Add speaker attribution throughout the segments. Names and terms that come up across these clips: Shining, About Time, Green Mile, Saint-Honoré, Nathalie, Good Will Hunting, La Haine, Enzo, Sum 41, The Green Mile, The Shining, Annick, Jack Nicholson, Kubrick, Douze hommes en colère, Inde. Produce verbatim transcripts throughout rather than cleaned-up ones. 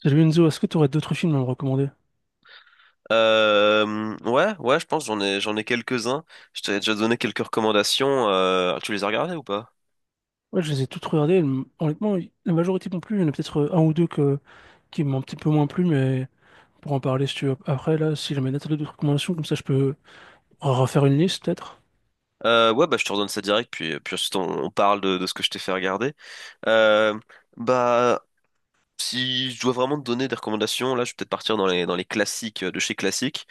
Speaker 1: Salut Enzo, est-ce que tu aurais d'autres films à me recommander?
Speaker 2: Euh, ouais, ouais, je pense j'en ai j'en ai quelques-uns. Je t'avais déjà donné quelques recommandations. Euh, tu les as regardées ou pas?
Speaker 1: Ouais, je les ai tous regardés. m- Honnêtement, y- la majorité m'ont plu. Il y en a peut-être euh, un ou deux que, qui m'ont un petit peu moins plu, mais pour en parler, si tu veux, après, là, si jamais Nathalie a d'autres recommandations, comme ça, je peux refaire une liste, peut-être.
Speaker 2: Euh, ouais, bah je te redonne ça direct, puis puis ensuite on, on parle de, de ce que je t'ai fait regarder. Euh, bah si je dois vraiment te donner des recommandations, là je vais peut-être partir dans les dans les classiques euh, de chez classique.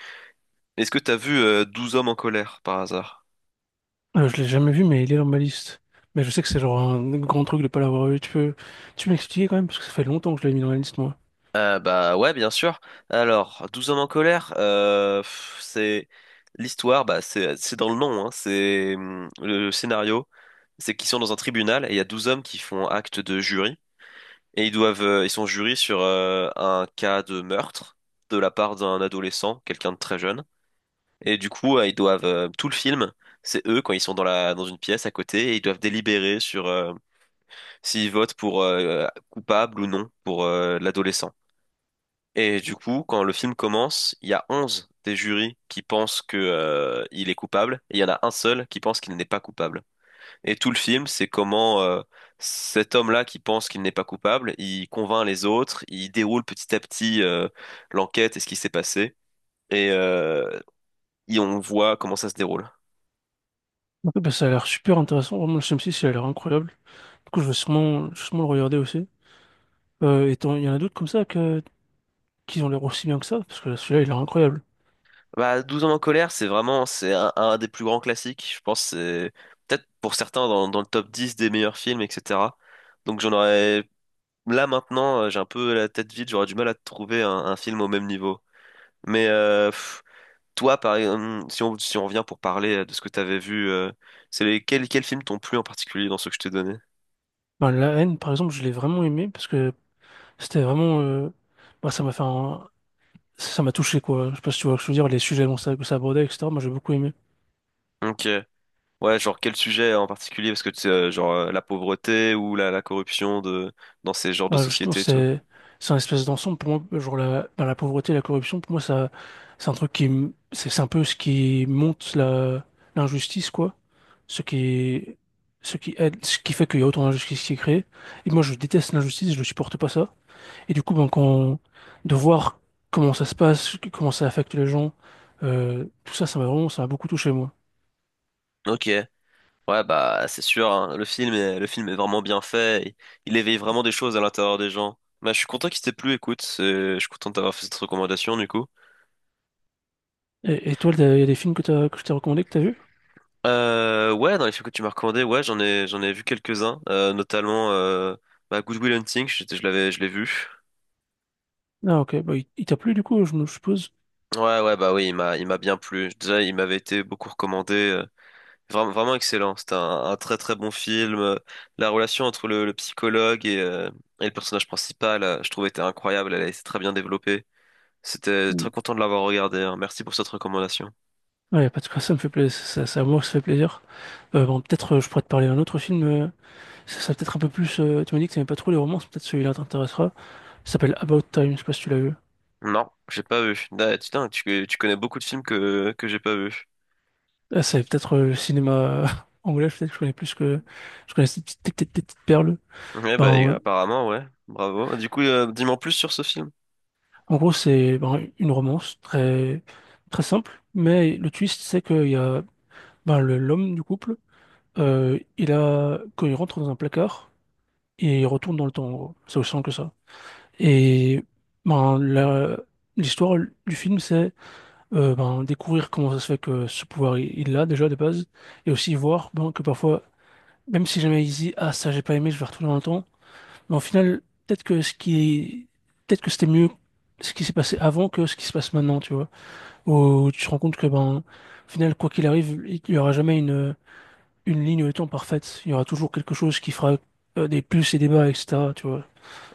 Speaker 2: Est-ce que t'as vu euh, douze hommes en colère par hasard?
Speaker 1: Euh, je l'ai jamais vu, mais il est dans ma liste. Mais je sais que c'est genre un grand truc de pas l'avoir vu. Tu peux, tu peux m'expliquer quand même, parce que ça fait longtemps que je l'ai mis dans la liste, moi.
Speaker 2: Euh, bah ouais, bien sûr. Alors, Douze hommes en colère, euh, pff, c'est l'histoire, bah c'est c'est dans le nom, hein, c'est hum, le scénario, c'est qu'ils sont dans un tribunal et il y a douze hommes qui font acte de jury et ils doivent euh, ils sont jurés sur euh, un cas de meurtre de la part d'un adolescent, quelqu'un de très jeune. Et du coup, euh, ils doivent euh, tout le film, c'est eux quand ils sont dans la dans une pièce à côté et ils doivent délibérer sur euh, s'ils votent pour euh, coupable ou non pour euh, l'adolescent. Et du coup, quand le film commence, il y a onze des jurys qui pensent que, euh, il est coupable, et il y en a un seul qui pense qu'il n'est pas coupable. Et tout le film, c'est comment, euh, cet homme-là qui pense qu'il n'est pas coupable, il convainc les autres, il déroule petit à petit, euh, l'enquête et ce qui s'est passé, et, euh, et on voit comment ça se déroule.
Speaker 1: Ok, bah, ça a l'air super intéressant. Vraiment, le Sum six, il a l'air incroyable. Du coup, je vais sûrement, je vais sûrement le regarder aussi. Euh, et t'en- il y en a d'autres comme ça que, qui ont l'air aussi bien que ça, parce que celui-là, il a l'air incroyable.
Speaker 2: Bah, Douze hommes en colère, c'est vraiment c'est un, un des plus grands classiques. Je pense que c'est peut-être pour certains dans, dans le top dix des meilleurs films, et cetera. Donc j'en aurais là maintenant, euh, j'ai un peu la tête vide, j'aurais du mal à trouver un, un film au même niveau. Mais euh, pff, toi, par exemple, si on si on revient pour parler euh, de ce que t'avais vu, euh, c'est les, quels quels films t'ont plu en particulier dans ceux que je t'ai donné?
Speaker 1: Ben, la haine, par exemple, je l'ai vraiment aimé parce que c'était vraiment. Euh, bah, ça m'a fait un- Ça m'a touché, quoi. Je sais pas si tu vois ce que je veux dire, les sujets dont ça, que ça abordait, et cetera. Moi, j'ai beaucoup aimé.
Speaker 2: Ok. Ouais, genre quel sujet en particulier? Parce que tu sais, euh, genre euh, la pauvreté ou la, la corruption de dans ces genres de
Speaker 1: Ben, justement,
Speaker 2: sociétés et tout.
Speaker 1: c'est c'est un espèce d'ensemble. Pour moi, genre la, ben, la pauvreté, la corruption, pour moi, ça, c'est un truc qui. M- C'est c'est un peu ce qui monte la l'injustice, quoi. Ce qui. Ce qui aide, ce qui fait qu'il y a autant d'injustice qui est créée. Et moi, je déteste l'injustice, je ne supporte pas ça. Et du coup, ben, quand, de voir comment ça se passe, comment ça affecte les gens, euh, tout ça, ça m'a vraiment, ça m'a beaucoup touché, moi.
Speaker 2: Ok, ouais bah c'est sûr, hein. Le film est, le film est vraiment bien fait, il, il éveille vraiment des choses à l'intérieur des gens. Bah je suis content qu'il t'ait plu, écoute, c'est- je suis content d'avoir fait cette recommandation du coup.
Speaker 1: Et, et toi, il y a des films que t'as, que je t'ai recommandé, que t'as vu?
Speaker 2: Euh, ouais, dans les films que tu m'as recommandé, ouais j'en ai j'en ai vu quelques-uns, euh, notamment euh, bah, Good Will Hunting, je, je l'avais je l'ai vu.
Speaker 1: Ah, ok, bah, il, il t'a plu, du coup, je me je suppose.
Speaker 2: Ouais, ouais, bah oui, il m'a, il m'a bien plu. Déjà, il m'avait été beaucoup recommandé. euh, Vraiment, vraiment excellent. C'était un, un très très bon film. Euh, La relation entre le, le psychologue et, euh, et le personnage principal, euh, je trouvais était incroyable. Elle était très bien développée. C'était très
Speaker 1: Mm.
Speaker 2: content de l'avoir regardé. Hein. Merci pour cette recommandation.
Speaker 1: Ouais, pas de quoi, ça me fait plaisir, ça, ça, à moi, que ça fait plaisir. Euh, bon, peut-être, euh, je pourrais te parler d'un autre film, euh, ça, ça peut-être un peu plus, euh, tu m'as dit que t'aimais pas trop les romances, peut-être celui-là t'intéressera. Il s'appelle About Time, je sais pas si tu l'as vu.
Speaker 2: Non, j'ai pas vu. Ah, putain, tu, tu connais beaucoup de films que, que j'ai pas vu.
Speaker 1: Ah, c'est peut-être euh, le cinéma euh, anglais, peut-être que je connais plus que, je connais ces petites, petites petites perles.
Speaker 2: Ouais, bah
Speaker 1: Ben,
Speaker 2: apparemment, ouais. Bravo. Du coup, euh, dis-moi en plus sur ce film.
Speaker 1: En gros, c'est ben, une romance très, très simple, mais le twist, c'est qu'il y a ben, le- l'homme du couple, euh, il a, quand il rentre dans un placard, il retourne dans le temps, en gros. C'est aussi simple que ça. Et ben, la- l'histoire du film, c'est euh, ben, découvrir comment ça se fait que ce pouvoir, il il l'a déjà de base, et aussi voir, ben, que parfois, même si jamais il se dit, ah, ça, j'ai pas aimé, je vais retourner dans le temps, mais au final, peut-être que ce qui est- peut-être que c'était mieux ce qui s'est passé avant que ce qui se passe maintenant, tu vois. Où tu te rends compte que, ben, au final, quoi qu'il arrive, il n'y aura jamais une une ligne de temps parfaite. Il y aura toujours quelque chose qui fera euh, des plus et des bas, etc. Tu vois.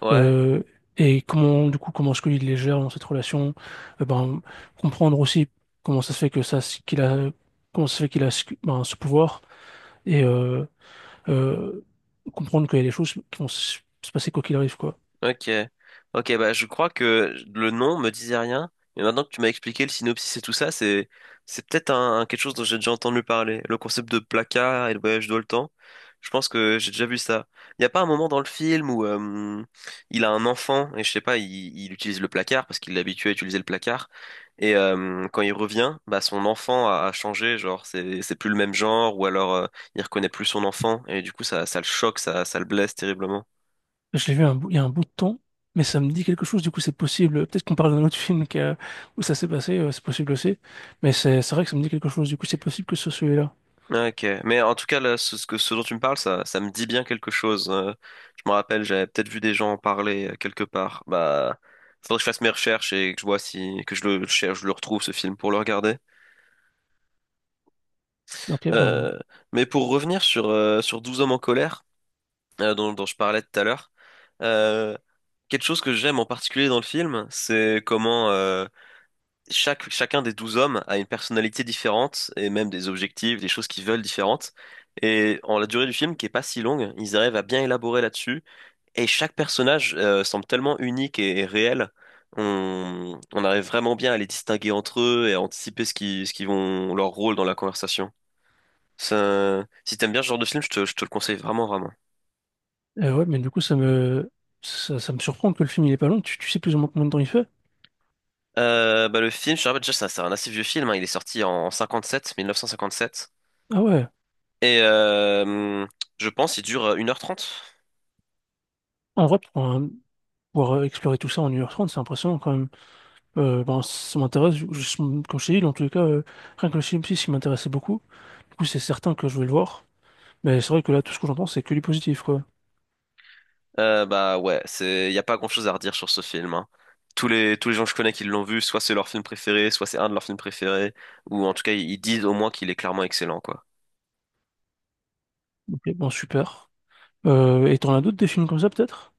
Speaker 2: Ouais.
Speaker 1: Euh, et comment du coup comment est-ce qu'il les gère dans cette relation? Euh, ben, comprendre aussi comment ça se fait que ça, ce qu'il a, comment ça se fait qu'il a ce, ben, ce pouvoir, et euh, euh, comprendre qu'il y a des choses qui vont se se passer quoi qu'il arrive, quoi.
Speaker 2: Ok. Ok, bah je crois que le nom me disait rien. Et maintenant que tu m'as expliqué le synopsis et tout ça, c'est c'est peut-être un, un- quelque chose dont j'ai déjà entendu parler. Le concept de placard et le voyage dans le temps. Je pense que j'ai déjà vu ça. Il n'y a pas un moment dans le film où euh, il a un enfant et je sais pas, il, il utilise le placard parce qu'il l'habitue à utiliser le placard. Et euh, quand il revient, bah son enfant a, a changé, genre c'est c'est plus le même genre ou alors euh, il reconnaît plus son enfant et du coup ça ça le choque, ça ça le blesse terriblement.
Speaker 1: Je l'ai vu un bout- il y a un bout de temps, mais ça me dit quelque chose, du coup c'est possible. Peut-être qu'on parle d'un autre film qui a- où ça s'est passé, euh, c'est possible aussi. Mais c'est c'est vrai que ça me dit quelque chose, du coup c'est possible que ce soit celui-là.
Speaker 2: Ah, ok, mais en tout cas, là, ce, ce que, ce dont tu me parles, ça, ça me dit bien quelque chose. Euh, je me rappelle, j'avais peut-être vu des gens en parler euh, quelque part. Bah, faudrait que je fasse mes recherches et que je vois si, que je le cherche, je le retrouve ce film pour le regarder.
Speaker 1: Ok, bon.
Speaker 2: Euh, mais pour revenir sur, euh, sur Douze hommes en colère, euh, dont, dont je parlais tout à l'heure, euh, quelque chose que j'aime en particulier dans le film, c'est comment, euh, chaque, chacun des douze hommes a une personnalité différente et même des objectifs, des choses qu'ils veulent différentes. Et en la durée du film, qui est pas si longue, ils arrivent à bien élaborer là-dessus. Et chaque personnage euh, semble tellement unique et, et réel. On, on arrive vraiment bien à les distinguer entre eux et à anticiper ce qui, ce qui vont, leur rôle dans la conversation. Ça, si t'aimes bien ce genre de film, je te, je te le conseille vraiment, vraiment.
Speaker 1: Euh, ouais, mais du coup ça me ça, ça me surprend que le film il est pas long. Tu, tu sais plus ou moins combien de temps il fait?
Speaker 2: Euh, bah, le film, je te rappelle déjà, ça- c'est un assez vieux film, hein. Il est sorti en cinquante-sept, mille neuf cent cinquante-sept.
Speaker 1: Ah ouais.
Speaker 2: Et euh, je pense il dure une heure trente.
Speaker 1: En vrai, pour un- pouvoir euh, explorer tout ça en une heure trente, c'est impressionnant quand même. Euh, ben, ça m'intéresse, je- je- comme je t'ai dit, dans tous les cas, euh, rien que le film six qui m'intéressait beaucoup, du coup c'est certain que je vais le voir, mais c'est vrai que là tout ce que j'entends c'est que du positif, quoi.
Speaker 2: Euh, bah ouais, c'est y a pas grand-chose à redire sur ce film. Hein. Tous les tous les gens que je connais qui l'ont vu, soit c'est leur film préféré, soit c'est un de leurs films préférés, ou en tout cas ils disent au moins qu'il est clairement excellent quoi.
Speaker 1: Ok, bon super. Euh, et t'en as d'autres des films comme ça peut-être?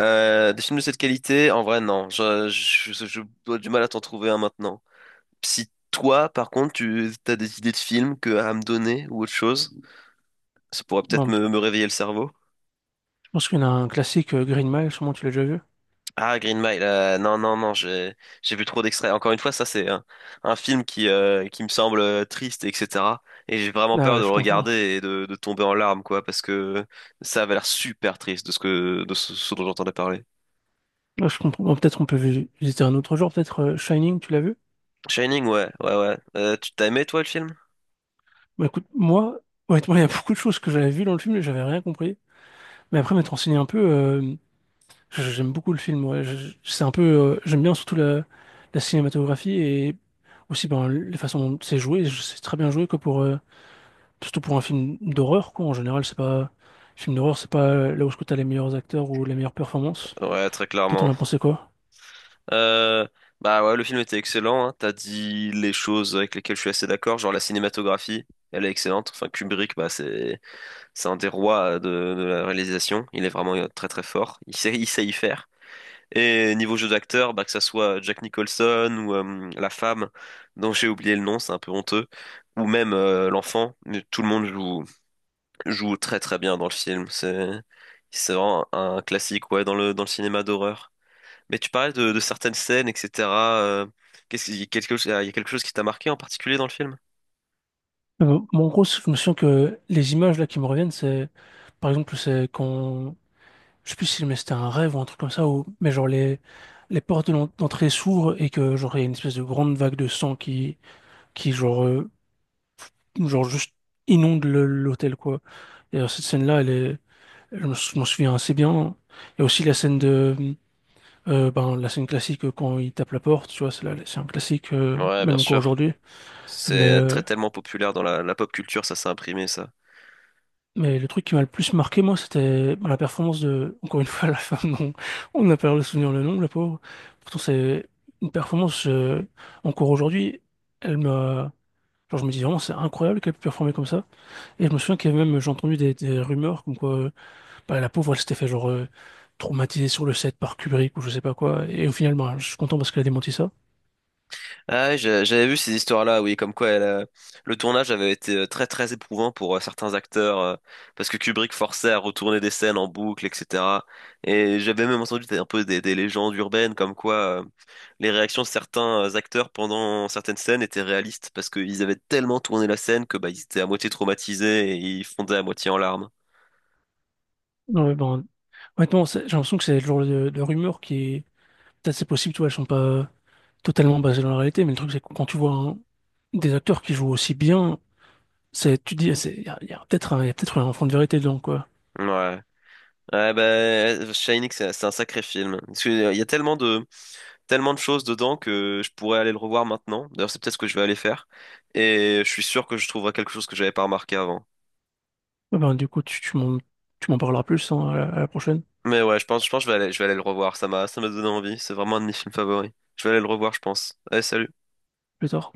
Speaker 2: Euh, des films de cette qualité, en vrai non, je, je, je- je dois du mal à t'en trouver un maintenant. Si toi par contre tu as des idées de films que à me donner ou autre chose, ça pourrait peut-être
Speaker 1: Bon,
Speaker 2: me, me réveiller le cerveau.
Speaker 1: je pense qu'il y en a un classique, euh, Green Mile, sûrement tu l'as déjà vu.
Speaker 2: Ah, Green Mile, euh, non, non, non, j'ai, j'ai vu trop d'extraits. Encore une fois, ça, c'est un, un film qui, euh, qui me semble euh, triste, et cetera. Et j'ai vraiment
Speaker 1: Ah
Speaker 2: peur
Speaker 1: ouais,
Speaker 2: de le
Speaker 1: je comprends.
Speaker 2: regarder et de, de tomber en larmes, quoi, parce que ça avait l'air super triste de ce que, de ce, ce dont j'entendais parler.
Speaker 1: Ouais, je comprends. Bon, peut-être on peut vi- visiter un autre jour. Peut-être euh, Shining, tu l'as vu?
Speaker 2: Shining, ouais, ouais, ouais. Euh, tu t'as aimé, toi, le film?
Speaker 1: Bah écoute, moi, honnêtement, il y a beaucoup de choses que j'avais vues dans le film et j'avais rien compris. Mais après, m'être renseigné un peu, euh, j- j'aime beaucoup le film. ouais. Je- je- C'est un peu, euh, j'aime bien surtout la, la cinématographie et aussi, ben, les façons dont c'est joué. Je- C'est très bien joué, quoi, pour, euh, surtout pour un film d'horreur, quoi. En général, c'est pas, film d'horreur, c'est pas euh, là où tu as les meilleurs acteurs ou les meilleures performances.
Speaker 2: Ouais, très
Speaker 1: Toi, t'en
Speaker 2: clairement.
Speaker 1: as pensé quoi?
Speaker 2: Euh, Bah ouais, le film était excellent, hein. T'as dit les choses avec lesquelles je suis assez d'accord, genre la cinématographie, elle est excellente. Enfin, Kubrick, bah, c'est, C'est un des rois euh, de, de la réalisation. Il est vraiment euh, très très fort. Il sait, il sait y faire. Et niveau jeu d'acteur, bah, que ça soit Jack Nicholson ou euh, la femme dont j'ai oublié le nom, c'est un peu honteux, ou même euh, l'enfant, mais tout le monde joue, joue très très bien dans le film. C'est c'est vraiment un, classique ouais, dans le, dans le cinéma d'horreur. Mais tu parlais de, de certaines scènes, et cetera euh, qu'est-ce qu'il y a quelque chose, il y a quelque chose qui t'a marqué en particulier dans le film?
Speaker 1: Euh, bon, en gros, je me souviens que les images là qui me reviennent, c'est par exemple, c'est quand je sais plus si mais c'était un rêve ou un truc comme ça, ou... mais genre les, les portes de l'en- d'entrée s'ouvrent et que genre il y a une espèce de grande vague de sang qui, qui genre, euh, genre juste inonde le- l'hôtel, quoi. Et alors, cette scène-là, elle est... je me sou- je m'en souviens assez bien. Il y a aussi la scène de euh, ben, la scène classique euh, quand il tape la porte, tu vois, c'est là- c'est un classique euh,
Speaker 2: Ouais, bien
Speaker 1: même encore
Speaker 2: sûr.
Speaker 1: aujourd'hui. Mais
Speaker 2: C'est très
Speaker 1: euh,
Speaker 2: tellement populaire dans la, la pop culture, ça s'est imprimé, ça.
Speaker 1: Mais le truc qui m'a le plus marqué, moi, c'était bah, la performance de, encore une fois, la femme dont on n'a pas le souvenir le nom, la pauvre. Pourtant, c'est une performance, euh, encore aujourd'hui, elle m'a. Genre, je me dis vraiment, c'est incroyable qu'elle ait pu performer comme ça. Et je me souviens qu'il y avait même, j'ai entendu des, des rumeurs comme quoi, euh, bah, la pauvre, elle s'était fait, genre, euh, traumatiser sur le set par Kubrick ou je sais pas quoi. Et au final, bah, je suis content parce qu'elle a démenti ça.
Speaker 2: Ah, oui, j'ai- j'avais vu ces histoires-là, oui, comme quoi elle, euh, le tournage avait été euh, très très éprouvant pour euh, certains acteurs, euh, parce que Kubrick forçait à retourner des scènes en boucle, et cetera. Et j'avais même entendu des- un peu des, des légendes urbaines, comme quoi euh, les réactions de certains euh, acteurs pendant certaines scènes étaient réalistes, parce qu'ils avaient tellement tourné la scène que bah, ils étaient à moitié traumatisés et ils fondaient à moitié en larmes.
Speaker 1: Non, mais bon, honnêtement, c'est- j'ai l'impression que c'est le genre de, de rumeurs qui est... Peut-être c'est possible, tu vois, elles sont pas totalement basées dans la réalité, mais le truc, c'est que quand tu vois un- des acteurs qui jouent aussi bien, c'est, tu te dis, il y a, y a peut-être un, y a peut-être un fond de vérité dedans, quoi.
Speaker 2: Ouais. Ouais, bah, Shining, c'est c'est un sacré film. Parce que, euh, il y a tellement de, tellement de choses dedans que je pourrais aller le revoir maintenant. D'ailleurs, c'est peut-être ce que je vais aller faire. Et je suis sûr que je trouverai quelque chose que j'avais pas remarqué avant.
Speaker 1: Ouais, ben, du coup, tu, tu m'en, tu m'en parleras plus, hein, à la à la prochaine,
Speaker 2: Mais ouais, je pense, je pense que je vais aller, je vais aller le revoir. Ça m'a, ça m'a donné envie. C'est vraiment un de mes films favoris. Je vais aller le revoir, je pense. Allez, salut.
Speaker 1: plus tard.